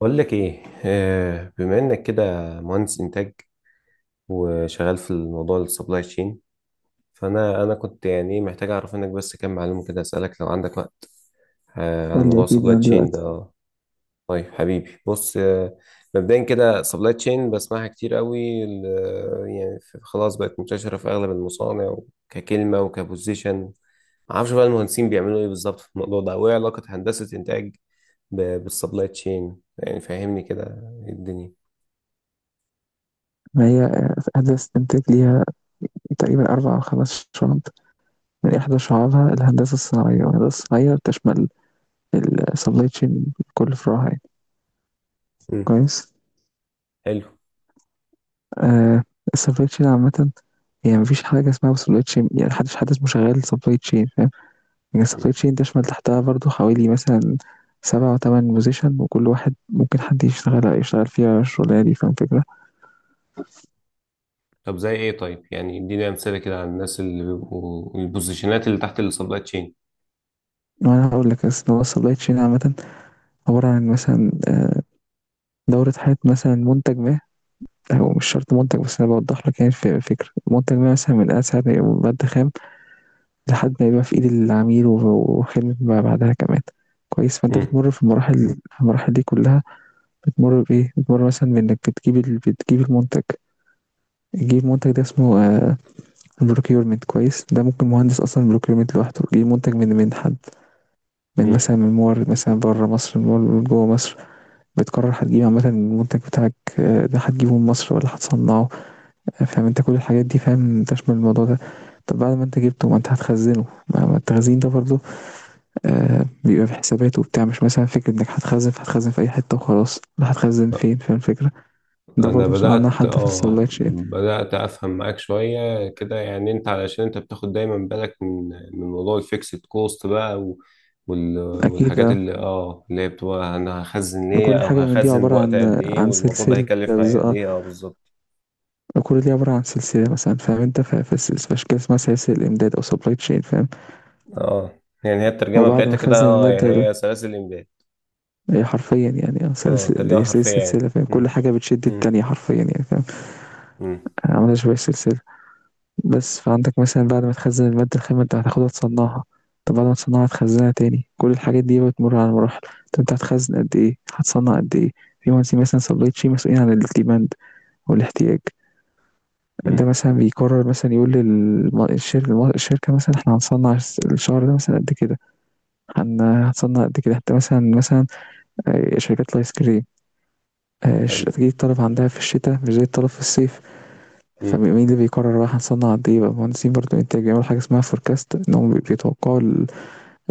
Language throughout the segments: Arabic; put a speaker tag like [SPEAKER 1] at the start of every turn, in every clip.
[SPEAKER 1] بقول لك ايه، بما انك كده مهندس انتاج، وشغال في الموضوع السبلاي تشين. فانا كنت يعني محتاج اعرف منك بس كام معلومه كده، اسالك لو عندك وقت، على
[SPEAKER 2] قُل لي
[SPEAKER 1] موضوع
[SPEAKER 2] أكيد
[SPEAKER 1] السبلاي
[SPEAKER 2] أنا
[SPEAKER 1] تشين ده
[SPEAKER 2] دلوقتي،
[SPEAKER 1] آه، طيب حبيبي بص، مبدئيا كده سبلاي تشين بسمعها كتير قوي. خلاص بقت منتشره في اغلب المصانع ككلمه وكبوزيشن. معرفش بقى المهندسين بيعملوا ايه بالظبط في الموضوع ده، وايه علاقه هندسه انتاج بالسبلاي تشين، يعني فهمني كده إيه الدنيا؟
[SPEAKER 2] ما هي هندسة إنتاج ليها تقريبًا 4 أو 5 شُعَب، من إحدى شُعَبها الهندسة الصناعية، والهندسة الصناعية بتشمل الsupply chain بكل فروعها يعني. كويس،
[SPEAKER 1] حلو.
[SPEAKER 2] آآ الsupply chain عامةً، هي ما فيش حاجة اسمها supply chain، يعني ما حدش حد اسمه شغّال supply chain، فاهم؟ يعني الsupply
[SPEAKER 1] مم.
[SPEAKER 2] chain تشمل تحتها برضه حوالي مثلًا 7 أو 8 position، وكل واحد ممكن حد يشتغل فيها الشُغلانة دي، فاهم الفكرة؟
[SPEAKER 1] طب زي ايه؟ طيب يعني اديني امثله كده على الناس اللي بيبقوا البوزيشنات اللي تحت السبلاي تشين.
[SPEAKER 2] ما أنا هاقول لك. أصل هو الsupply chain عامةً عبارة عن مثلًا دورة حياة مثلا منتج ما. هو مش شرط منتج، بس أنا بوضح لك يعني الفكرة. منتج ما مثلا من ساعة ما يبقى مادة خام لحد ما يبقى في إيد العميل وخدمة ما بعدها كمان. كويس، فأنت
[SPEAKER 1] مم.
[SPEAKER 2] بتمر في المراحل دي كلها. بتمر بإيه؟ بتمر مثلا بإنك بتجيب بتجيب المنتج. تجيب منتج ده اسمه بروكيورمنت، كويس. ده ممكن مهندس اصلا بروكيورمنت لوحده يجيب منتج من حد، من
[SPEAKER 1] مم.
[SPEAKER 2] مثلا من مورد مثلا بره مصر، من مورد جوه مصر. بتقرر هتجيب عامة المنتج بتاعك آه، ده هتجيبه من مصر ولا هتصنعه، فاهم أنت؟ كل الحاجات دي فاهم تشمل الموضوع ده. طب بعد ما أنت جبته، ما أنت هتخزنه. ما التخزين ده برضه آه، بيبقى في حسابات وبتاع. مش مثلا فكرة إنك هتخزن، فهتخزن في أي حتة وخلاص. لا، هتخزن فين، فاهم الفكرة؟ ده
[SPEAKER 1] انا
[SPEAKER 2] برضه مسؤول عنها حد في السبلاي تشين.
[SPEAKER 1] بدات افهم معاك شويه كده، يعني انت علشان انت بتاخد دايما بالك من موضوع الفيكسد كوست بقى.
[SPEAKER 2] أكيد
[SPEAKER 1] والحاجات
[SPEAKER 2] آه،
[SPEAKER 1] اللي هي بتبقى، انا هخزن ليه
[SPEAKER 2] كل
[SPEAKER 1] او
[SPEAKER 2] حاجة من دي
[SPEAKER 1] هخزن
[SPEAKER 2] عبارة
[SPEAKER 1] وقت قد
[SPEAKER 2] عن
[SPEAKER 1] ايه،
[SPEAKER 2] عن
[SPEAKER 1] والموضوع ده
[SPEAKER 2] سلسلة،
[SPEAKER 1] هيكلف معايا قد
[SPEAKER 2] آه،
[SPEAKER 1] ايه، بالظبط.
[SPEAKER 2] كل دي عبارة عن سلسلة مثلا، فاهم انت؟ في أشكال اسمها سلاسل إمداد أو سبلاي تشين، فاهم؟
[SPEAKER 1] اه، يعني هي الترجمه
[SPEAKER 2] وبعد
[SPEAKER 1] بتاعتها
[SPEAKER 2] ما
[SPEAKER 1] كده،
[SPEAKER 2] خزن
[SPEAKER 1] يعني
[SPEAKER 2] المادة ده،
[SPEAKER 1] هي سلاسل الامداد.
[SPEAKER 2] هي حرفيا يعني اه
[SPEAKER 1] اه
[SPEAKER 2] سلاسل إمداد،
[SPEAKER 1] ترجمه
[SPEAKER 2] هي
[SPEAKER 1] حرفيه
[SPEAKER 2] سلسلة
[SPEAKER 1] يعني.
[SPEAKER 2] فاهم؟ كل
[SPEAKER 1] مم.
[SPEAKER 2] حاجة بتشد
[SPEAKER 1] مم.
[SPEAKER 2] التانية حرفيا يعني، فاهم؟
[SPEAKER 1] مم.
[SPEAKER 2] عاملة شبه السلسلة. بس فعندك مثلا بعد ما تخزن المادة الخام، انت هتاخدها تصنعها. طب بعد ما تصنعها تخزنها تاني، كل الحاجات دي بتمر على مراحل. طب انت هتخزن قد ايه، هتصنع قد ايه؟ في مهندسين مثلا سبلاي تشين مسؤولين عن الديماند والاحتياج. ده
[SPEAKER 1] مم.
[SPEAKER 2] مثلا بيقرر مثلا يقول للشركة، الشركة مثلا احنا هنصنع الشهر ده مثلا قد كده. هتصنع قد كده، حتى مثلا آه، شركات الايس كريم آه،
[SPEAKER 1] حلو.
[SPEAKER 2] تجي الطلب عندها في الشتاء مش زي الطلب في الصيف.
[SPEAKER 1] مم.
[SPEAKER 2] فمين اللي بيقرر بقى هنصنع قد ايه؟ بقى مهندسين برضه انتاج، بيعملوا حاجه اسمها فوركاست، ان هم بيتوقعوا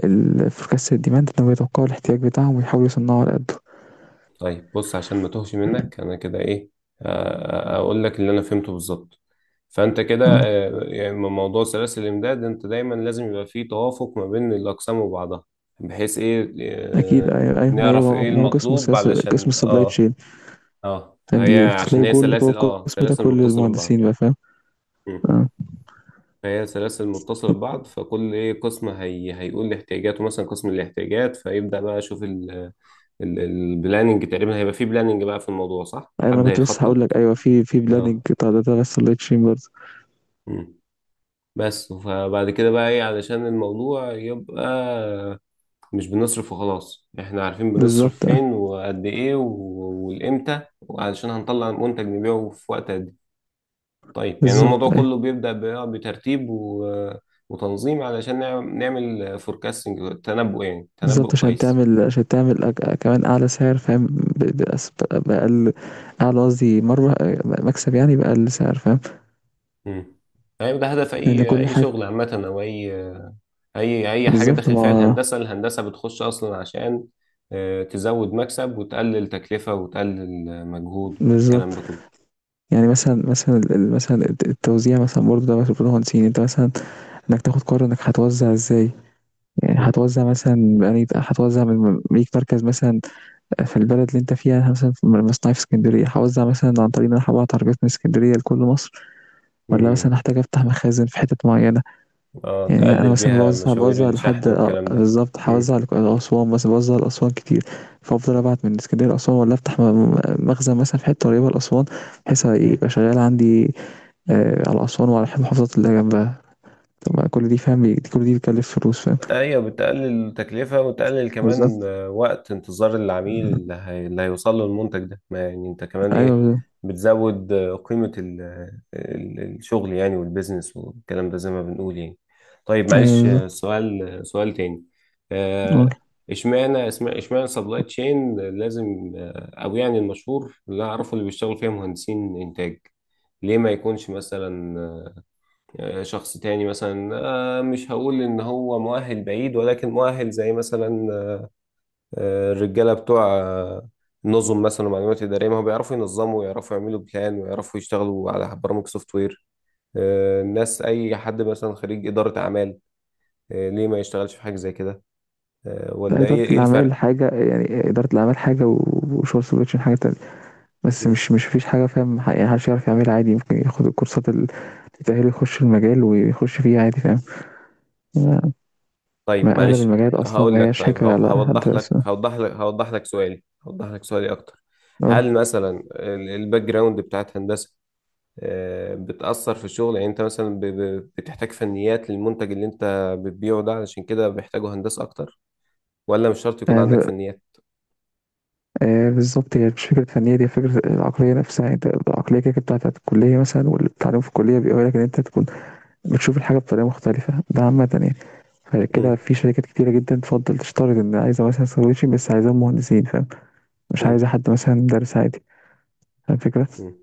[SPEAKER 2] الفوركاست الديماند، ان هم بيتوقعوا الاحتياج بتاعهم ويحاولوا يصنعوا على قده.
[SPEAKER 1] طيب بص، عشان ما توهش منك انا كده ايه، اقول لك اللي انا فهمته بالظبط. فانت كده،
[SPEAKER 2] مم.
[SPEAKER 1] يعني موضوع سلاسل الامداد، انت دايما لازم يبقى فيه توافق ما بين الاقسام وبعضها، بحيث ايه،
[SPEAKER 2] اكيد. ما هي،
[SPEAKER 1] نعرف ايه
[SPEAKER 2] ما هو قسم
[SPEAKER 1] المطلوب
[SPEAKER 2] السياسه، قسم
[SPEAKER 1] علشان
[SPEAKER 2] السبلاي تشين.
[SPEAKER 1] اه هي، عشان
[SPEAKER 2] فبتلاقي
[SPEAKER 1] هي
[SPEAKER 2] جول جوه
[SPEAKER 1] سلاسل،
[SPEAKER 2] القسم ده
[SPEAKER 1] سلاسل
[SPEAKER 2] كل
[SPEAKER 1] متصلة ببعض.
[SPEAKER 2] المهندسين بقى، فاهم؟
[SPEAKER 1] مم.
[SPEAKER 2] اه.
[SPEAKER 1] فهي سلاسل متصلة ببعض، فكل ايه قسم هي هيقول احتياجاته. مثلا قسم الاحتياجات فيبدأ بقى يشوف البلاننج. تقريبا هيبقى فيه بلاننج بقى في الموضوع، صح؟
[SPEAKER 2] ايوه، ما
[SPEAKER 1] حد
[SPEAKER 2] أنا كنت لسه هقول لك.
[SPEAKER 1] هيخطط.
[SPEAKER 2] ايوه، في بلاننج
[SPEAKER 1] اه.
[SPEAKER 2] بتاع ده بس سبلاي تشين برضه.
[SPEAKER 1] مم. بس فبعد كده بقى ايه، علشان الموضوع يبقى مش بنصرف وخلاص، احنا عارفين بنصرف
[SPEAKER 2] بالظبط اه.
[SPEAKER 1] فين وقد ايه والامتى، وعلشان هنطلع منتج نبيعه في وقت قد ايه. طيب يعني
[SPEAKER 2] بالظبط
[SPEAKER 1] الموضوع
[SPEAKER 2] أيوة.
[SPEAKER 1] كله بيبدأ بترتيب وتنظيم، علشان نعمل فوركاستنج، تنبؤ يعني، تنبؤ
[SPEAKER 2] بالضبط، عشان
[SPEAKER 1] كويس.
[SPEAKER 2] تعمل أج أ كمان أعلى سعر، فاهم؟ ب بأس بأقل، أعلى قصدي مَرّة، مكسب يعني بأقل سعر، فاهم؟
[SPEAKER 1] مم. طيب ده هدف
[SPEAKER 2] لإن
[SPEAKER 1] اي
[SPEAKER 2] كل
[SPEAKER 1] اي
[SPEAKER 2] حاجة
[SPEAKER 1] شغل عامة، او اي حاجه
[SPEAKER 2] بالضبط.
[SPEAKER 1] داخل فيها
[SPEAKER 2] ما
[SPEAKER 1] الهندسه. الهندسه بتخش اصلا عشان تزود مكسب، وتقلل تكلفه، وتقلل مجهود، والكلام
[SPEAKER 2] بالضبط،
[SPEAKER 1] ده كله.
[SPEAKER 2] يعني مثلًا ال ال مثلًا التوزيع مثلًا برضه، ده مسؤولية مهندسين. أنت مثلًا إنك تاخد قرار إنك هتوزع إزاي، يعني
[SPEAKER 1] امم.
[SPEAKER 2] هتوزع مثلًا بأنهي، هتوزع من ليك مركز مثلًا في البلد اللي أنت فيها. أنا مثلًا في مصنعي في إسكندرية، هاوزع مثلًا عن طريق إن أنا هابعت عربيات من إسكندرية لكل مصر، والّا مثلًا
[SPEAKER 1] امم.
[SPEAKER 2] هاحتاج أفتح مخازن في حتت معينة.
[SPEAKER 1] اه،
[SPEAKER 2] يعني انا
[SPEAKER 1] تقلل
[SPEAKER 2] مثلا
[SPEAKER 1] بيها مشاوير
[SPEAKER 2] بوزع
[SPEAKER 1] الشحن
[SPEAKER 2] لحد آه،
[SPEAKER 1] والكلام ده.
[SPEAKER 2] بالظبط، هوزع لاسوان مثلا، بوزع لاسوان كتير. فافضل ابعت من اسكندريه لاسوان، ولا افتح مخزن مثلا في حته قريبه لاسوان، بحيث
[SPEAKER 1] امم.
[SPEAKER 2] يبقى شغال عندي آه على اسوان وعلى المحافظات اللي جنبها. طب ما كل دي فاهم، كل دي بتكلف فلوس، فاهم؟
[SPEAKER 1] ايوه، بتقلل تكلفة، وتقلل كمان
[SPEAKER 2] بالظبط.
[SPEAKER 1] وقت انتظار العميل اللي هيوصل له المنتج ده. ما يعني انت كمان
[SPEAKER 2] ايوه
[SPEAKER 1] ايه،
[SPEAKER 2] بالظبط.
[SPEAKER 1] بتزود قيمة الشغل يعني، والبيزنس والكلام ده زي ما بنقول يعني. طيب
[SPEAKER 2] ايوه
[SPEAKER 1] معلش،
[SPEAKER 2] بالظبط.
[SPEAKER 1] سؤال سؤال تاني،
[SPEAKER 2] آه.
[SPEAKER 1] آه، اشمعنى اشمعنى سبلاي تشين لازم، او يعني المشهور اللي اعرفه اللي بيشتغل فيها مهندسين انتاج. ليه ما يكونش مثلا شخص تاني مثلا، مش هقول ان هو مؤهل بعيد، ولكن مؤهل زي مثلا الرجاله بتوع النظم مثلا، ومعلومات اداريه، ما هو بيعرفوا ينظموا ويعرفوا يعملوا بلان ويعرفوا يشتغلوا على برامج سوفت وير، الناس، اي حد مثلا خريج اداره اعمال، ليه ما يشتغلش في حاجه زي كده، ولا
[SPEAKER 2] إدارة
[SPEAKER 1] ايه
[SPEAKER 2] الأعمال
[SPEAKER 1] الفرق؟
[SPEAKER 2] حاجة، يعني إدارة الأعمال حاجة وشغل سبلاي حاجة تانية. بس
[SPEAKER 1] مم.
[SPEAKER 2] مش فيش حاجة، فاهم؟ يعني محدش يعرف يعملها عادي، ممكن ياخد الكورسات اللي تأهله يخش المجال ويخش فيه عادي، فاهم؟
[SPEAKER 1] طيب
[SPEAKER 2] ما أغلب
[SPEAKER 1] معلش
[SPEAKER 2] المجالات أصلا
[SPEAKER 1] هقول
[SPEAKER 2] ما
[SPEAKER 1] لك،
[SPEAKER 2] هياش
[SPEAKER 1] طيب
[SPEAKER 2] حكر على حد اسمه
[SPEAKER 1] هوضح لك سؤالي اكتر.
[SPEAKER 2] نقول.
[SPEAKER 1] هل مثلا الباك جراوند بتاعت هندسه بتأثر في الشغل، يعني انت مثلا بتحتاج فنيات للمنتج اللي انت بتبيعه ده، علشان كده بيحتاجوا هندسة اكتر، ولا مش شرط يكون
[SPEAKER 2] آه
[SPEAKER 1] عندك
[SPEAKER 2] ب...
[SPEAKER 1] فنيات؟
[SPEAKER 2] آه بالظبط، هي مش فكرة فنية، دي فكرة العقلية نفسها. يعني انت العقلية كده كده بتاعت الكلية مثلا، والتعليم في الكلية بيقول لك إن أنت تكون بتشوف الحاجة بطريقة مختلفة، ده عامة يعني. فكده
[SPEAKER 1] امم.
[SPEAKER 2] في شركات كتيرة جدا تفضل تشترط إن عايزة مثلا سكرتير، بس عايزة مهندسين، فاهم؟ مش عايزة
[SPEAKER 1] امم.
[SPEAKER 2] حد مثلا مدرس عادي، فاهم الفكرة؟
[SPEAKER 1] امم.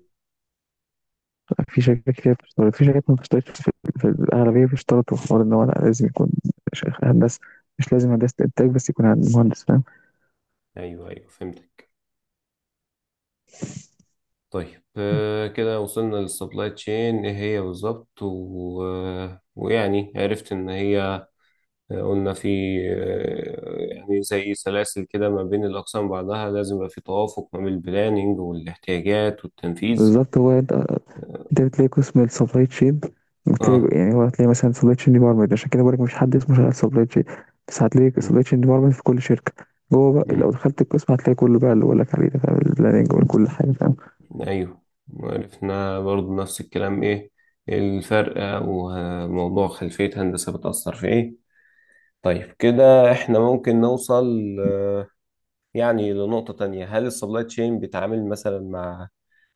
[SPEAKER 2] في شركات كتير بتشترط، في شركات ما بتشترطش. في الأغلبية بيشترطوا حوار إن هو لأ، لازم يكون هندسة. مش لازم هندسة إنتاج بس، يكون مهندس، فاهم؟
[SPEAKER 1] ايوه، ايوه، فهمتك. طيب، كده وصلنا للسبلاي تشين ايه هي بالظبط و... آه، ويعني عرفت ان هي، قلنا في، يعني زي سلاسل كده ما بين الأقسام بعضها، لازم يبقى في توافق ما بين البلاننج والاحتياجات والتنفيذ.
[SPEAKER 2] بالظبط. هو انت، بتلاقي قسم السبلاي تشين.
[SPEAKER 1] اه.
[SPEAKER 2] بتلاقي يعني، هو هتلاقي مثلا سبلاي تشين ديبارتمنت، عشان كده بقولك مفيش حد اسمه شغال سبلاي تشين، بس هتلاقي سبلاي تشين ديبارتمنت في كل شركه. جوه بقى لو
[SPEAKER 1] امم.
[SPEAKER 2] دخلت القسم هتلاقي كله بقى اللي بقولك عليه ده، فاهم؟ البلاننج وكل حاجه، فاهم؟
[SPEAKER 1] ايوه. عرفنا برضو نفس الكلام، ايه الفرق، وموضوع خلفية هندسة بتأثر في ايه. طيب كده احنا ممكن نوصل آه، يعني لنقطة تانية. هل السبلاي تشين بيتعامل مثلا مع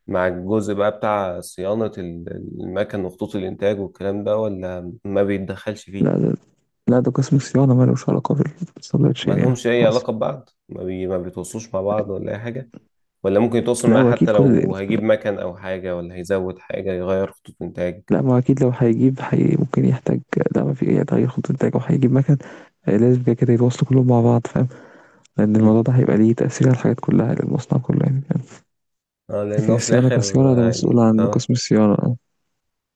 [SPEAKER 1] مع الجزء بقى بتاع صيانة المكن وخطوط الإنتاج والكلام ده، ولا ما بيتدخلش فيه؟
[SPEAKER 2] لا ده لا، ده قسم الصيانه مالوش علاقه بالسبلاي
[SPEAKER 1] ما
[SPEAKER 2] تشين يعني،
[SPEAKER 1] لهمش أي
[SPEAKER 2] خالص.
[SPEAKER 1] علاقة ببعض، ما بيتواصلوش مع بعض ولا أي حاجة؟ ولا ممكن يتواصل
[SPEAKER 2] لا
[SPEAKER 1] معاه
[SPEAKER 2] هو
[SPEAKER 1] حتى
[SPEAKER 2] اكيد كل ده.
[SPEAKER 1] لو هيجيب مكن أو حاجة، ولا هيزود حاجة يغير خطوط إنتاج؟
[SPEAKER 2] لا، ما هو اكيد لو هيجيب حي ممكن يحتاج. لا، ما في أي تغيير خط انتاج او هيجيب مكن آه، لازم كده كده يتواصلوا كلهم مع بعض، فاهم؟ لان الموضوع ده هيبقى ليه تاثير على الحاجات كلها للمصنع كله يعني.
[SPEAKER 1] اه
[SPEAKER 2] لكن
[SPEAKER 1] لانه في
[SPEAKER 2] الصيانة
[SPEAKER 1] الاخر
[SPEAKER 2] كصيانة، ده
[SPEAKER 1] هي...
[SPEAKER 2] مسؤول عن
[SPEAKER 1] اه
[SPEAKER 2] قسم الصيانة، اه.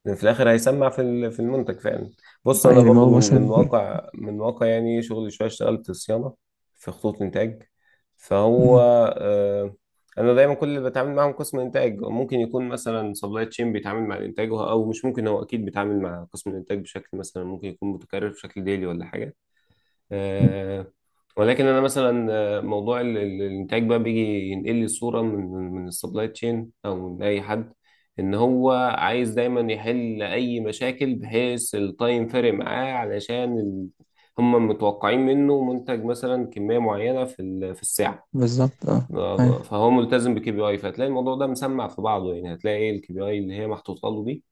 [SPEAKER 1] لأن في الاخر هيسمع في المنتج فعلا. بص،
[SPEAKER 2] آه،
[SPEAKER 1] انا
[SPEAKER 2] يعني ما
[SPEAKER 1] برضو
[SPEAKER 2] هو
[SPEAKER 1] من من
[SPEAKER 2] مثلا،
[SPEAKER 1] واقع، يعني شغلي، شويه اشتغلت صيانه في خطوط انتاج. فهو
[SPEAKER 2] مم،
[SPEAKER 1] آه انا دايما كل اللي بتعامل معاهم قسم انتاج. ممكن يكون مثلا سبلاي تشين بيتعامل مع الانتاج، وه- او مش ممكن هو اكيد بيتعامل مع قسم الانتاج بشكل مثلا ممكن يكون متكرر، بشكل ديلي ولا حاجه، آه، ولكن انا مثلا موضوع الانتاج بقى بيجي ينقل لي صوره من السبلاي تشين او من اي حد، ان هو عايز دايما يحل اي مشاكل، بحيث التايم فارق معاه علشان هم متوقعين منه منتج مثلا كميه معينه في الساعه.
[SPEAKER 2] بالظبط اه. أيوة،
[SPEAKER 1] فهو ملتزم بكي بي اي، فهتلاقي الموضوع ده مسمع في بعضه يعني. هتلاقي ايه الKPI اللي هي محطوطه له دي،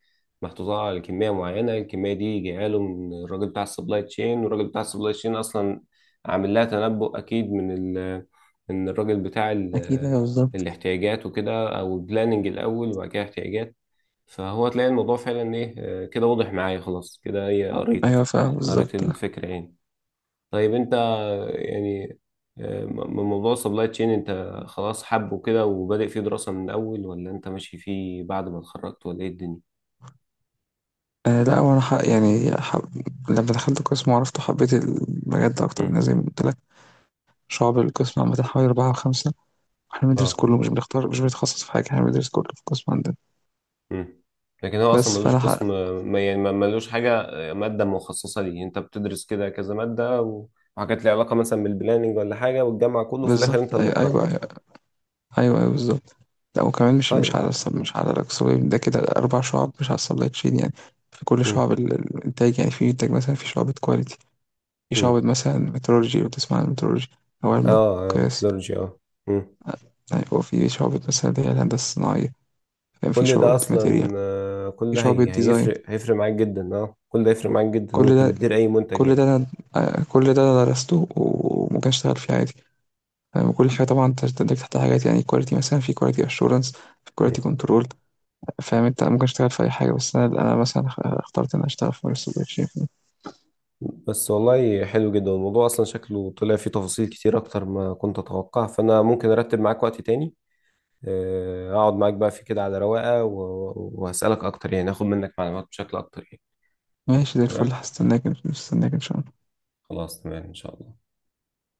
[SPEAKER 1] محطوطه على كميه معينه. الكميه دي جايه له من الراجل بتاع السبلاي تشين، والراجل بتاع السبلاي تشين اصلا عامل لها تنبؤ، اكيد من ال من الراجل بتاع
[SPEAKER 2] أكيد أيوة بالظبط.
[SPEAKER 1] الاحتياجات وكده، او البلاننج الاول وبعد كده احتياجات. فهو تلاقي الموضوع فعلا ايه، كده واضح معايا، خلاص كده ايه،
[SPEAKER 2] أيوة فاهم
[SPEAKER 1] قريت
[SPEAKER 2] بالظبط اه.
[SPEAKER 1] الفكره يعني. طيب انت يعني من موضوع السبلاي تشين انت خلاص حبه كده وبادئ فيه دراسة من الاول، ولا انت ماشي فيه بعد ما اتخرجت، ولا ايه الدنيا؟
[SPEAKER 2] آه، لا وأنا حق يعني لما دخلت القسم وعرفته حبيت المجال ده أكتر،
[SPEAKER 1] امم.
[SPEAKER 2] من زي ما قلت لك. شعب القسم عامة حوالي أربعة أو خمسة. احنا بندرس
[SPEAKER 1] اه.
[SPEAKER 2] كله، مش بنختار، مش بنتخصص في حاجة، احنا بندرس كله في القسم عندنا.
[SPEAKER 1] امم. لكن هو اصلا
[SPEAKER 2] بس
[SPEAKER 1] ملوش
[SPEAKER 2] فأنا حق
[SPEAKER 1] قسم، ملوش حاجة مادة مخصصة ليه. انت بتدرس كده كذا مادة وحاجات ليها علاقة مثلا بالبلاننج ولا حاجة، والجامعة كله في الاخر انت
[SPEAKER 2] بالظبط.
[SPEAKER 1] اللي
[SPEAKER 2] أيوة
[SPEAKER 1] تقرر.
[SPEAKER 2] أيوة. ايوه ايوه بالظبط. لا وكمان مش
[SPEAKER 1] طيب.
[SPEAKER 2] على مش على الاكسوبيم ده، كده اربع شعب مش على السبلاي تشين يعني. في كل
[SPEAKER 1] امم.
[SPEAKER 2] شعب الانتاج يعني، في انتاج مثلا، في شعبة كواليتي، في
[SPEAKER 1] امم.
[SPEAKER 2] شعبة مثلا مترولوجي، لو تسمع عن المترولوجي او
[SPEAKER 1] اه.
[SPEAKER 2] علم القياس.
[SPEAKER 1] ميثودولوجيا. اه. مم.
[SPEAKER 2] يعني هو في شعبة مثلا اللي هي الهندسة الصناعية، فاهم؟ في
[SPEAKER 1] كل ده
[SPEAKER 2] شعبة الماتيريال،
[SPEAKER 1] اصلا آه، كل
[SPEAKER 2] في
[SPEAKER 1] ده
[SPEAKER 2] شعبة
[SPEAKER 1] هي
[SPEAKER 2] ديزاين.
[SPEAKER 1] هيفرق معاك جدا. اه، كل ده هيفرق معاك جدا،
[SPEAKER 2] كل
[SPEAKER 1] وانت
[SPEAKER 2] ده،
[SPEAKER 1] بتدير اي منتج
[SPEAKER 2] كل
[SPEAKER 1] يعني.
[SPEAKER 2] ده انا آه، كل ده انا درسته وممكن اشتغل فيه عادي، فاهم؟ كل حاجة طبعا تندرج تحت حاجات، يعني كواليتي مثلا، في كواليتي اشورنس، في كواليتي
[SPEAKER 1] مم.
[SPEAKER 2] كنترول، فاهم انت؟ ممكن اشتغل في اي حاجه، بس انا مثلا اخترت ان أنا اشتغل في مارس السوشيال.
[SPEAKER 1] بس والله حلو جدا الموضوع، اصلا شكله طلع فيه تفاصيل كتير اكتر ما كنت اتوقع. فانا ممكن ارتب معاك وقت تاني، اقعد معاك بقى في كده على رواقة، وهسألك اكتر يعني، اخد منك معلومات بشكل اكتر يعني.
[SPEAKER 2] ماشي زي الفل،
[SPEAKER 1] تمام.
[SPEAKER 2] هستناك ان شاء الله.
[SPEAKER 1] خلاص تمام ان شاء الله.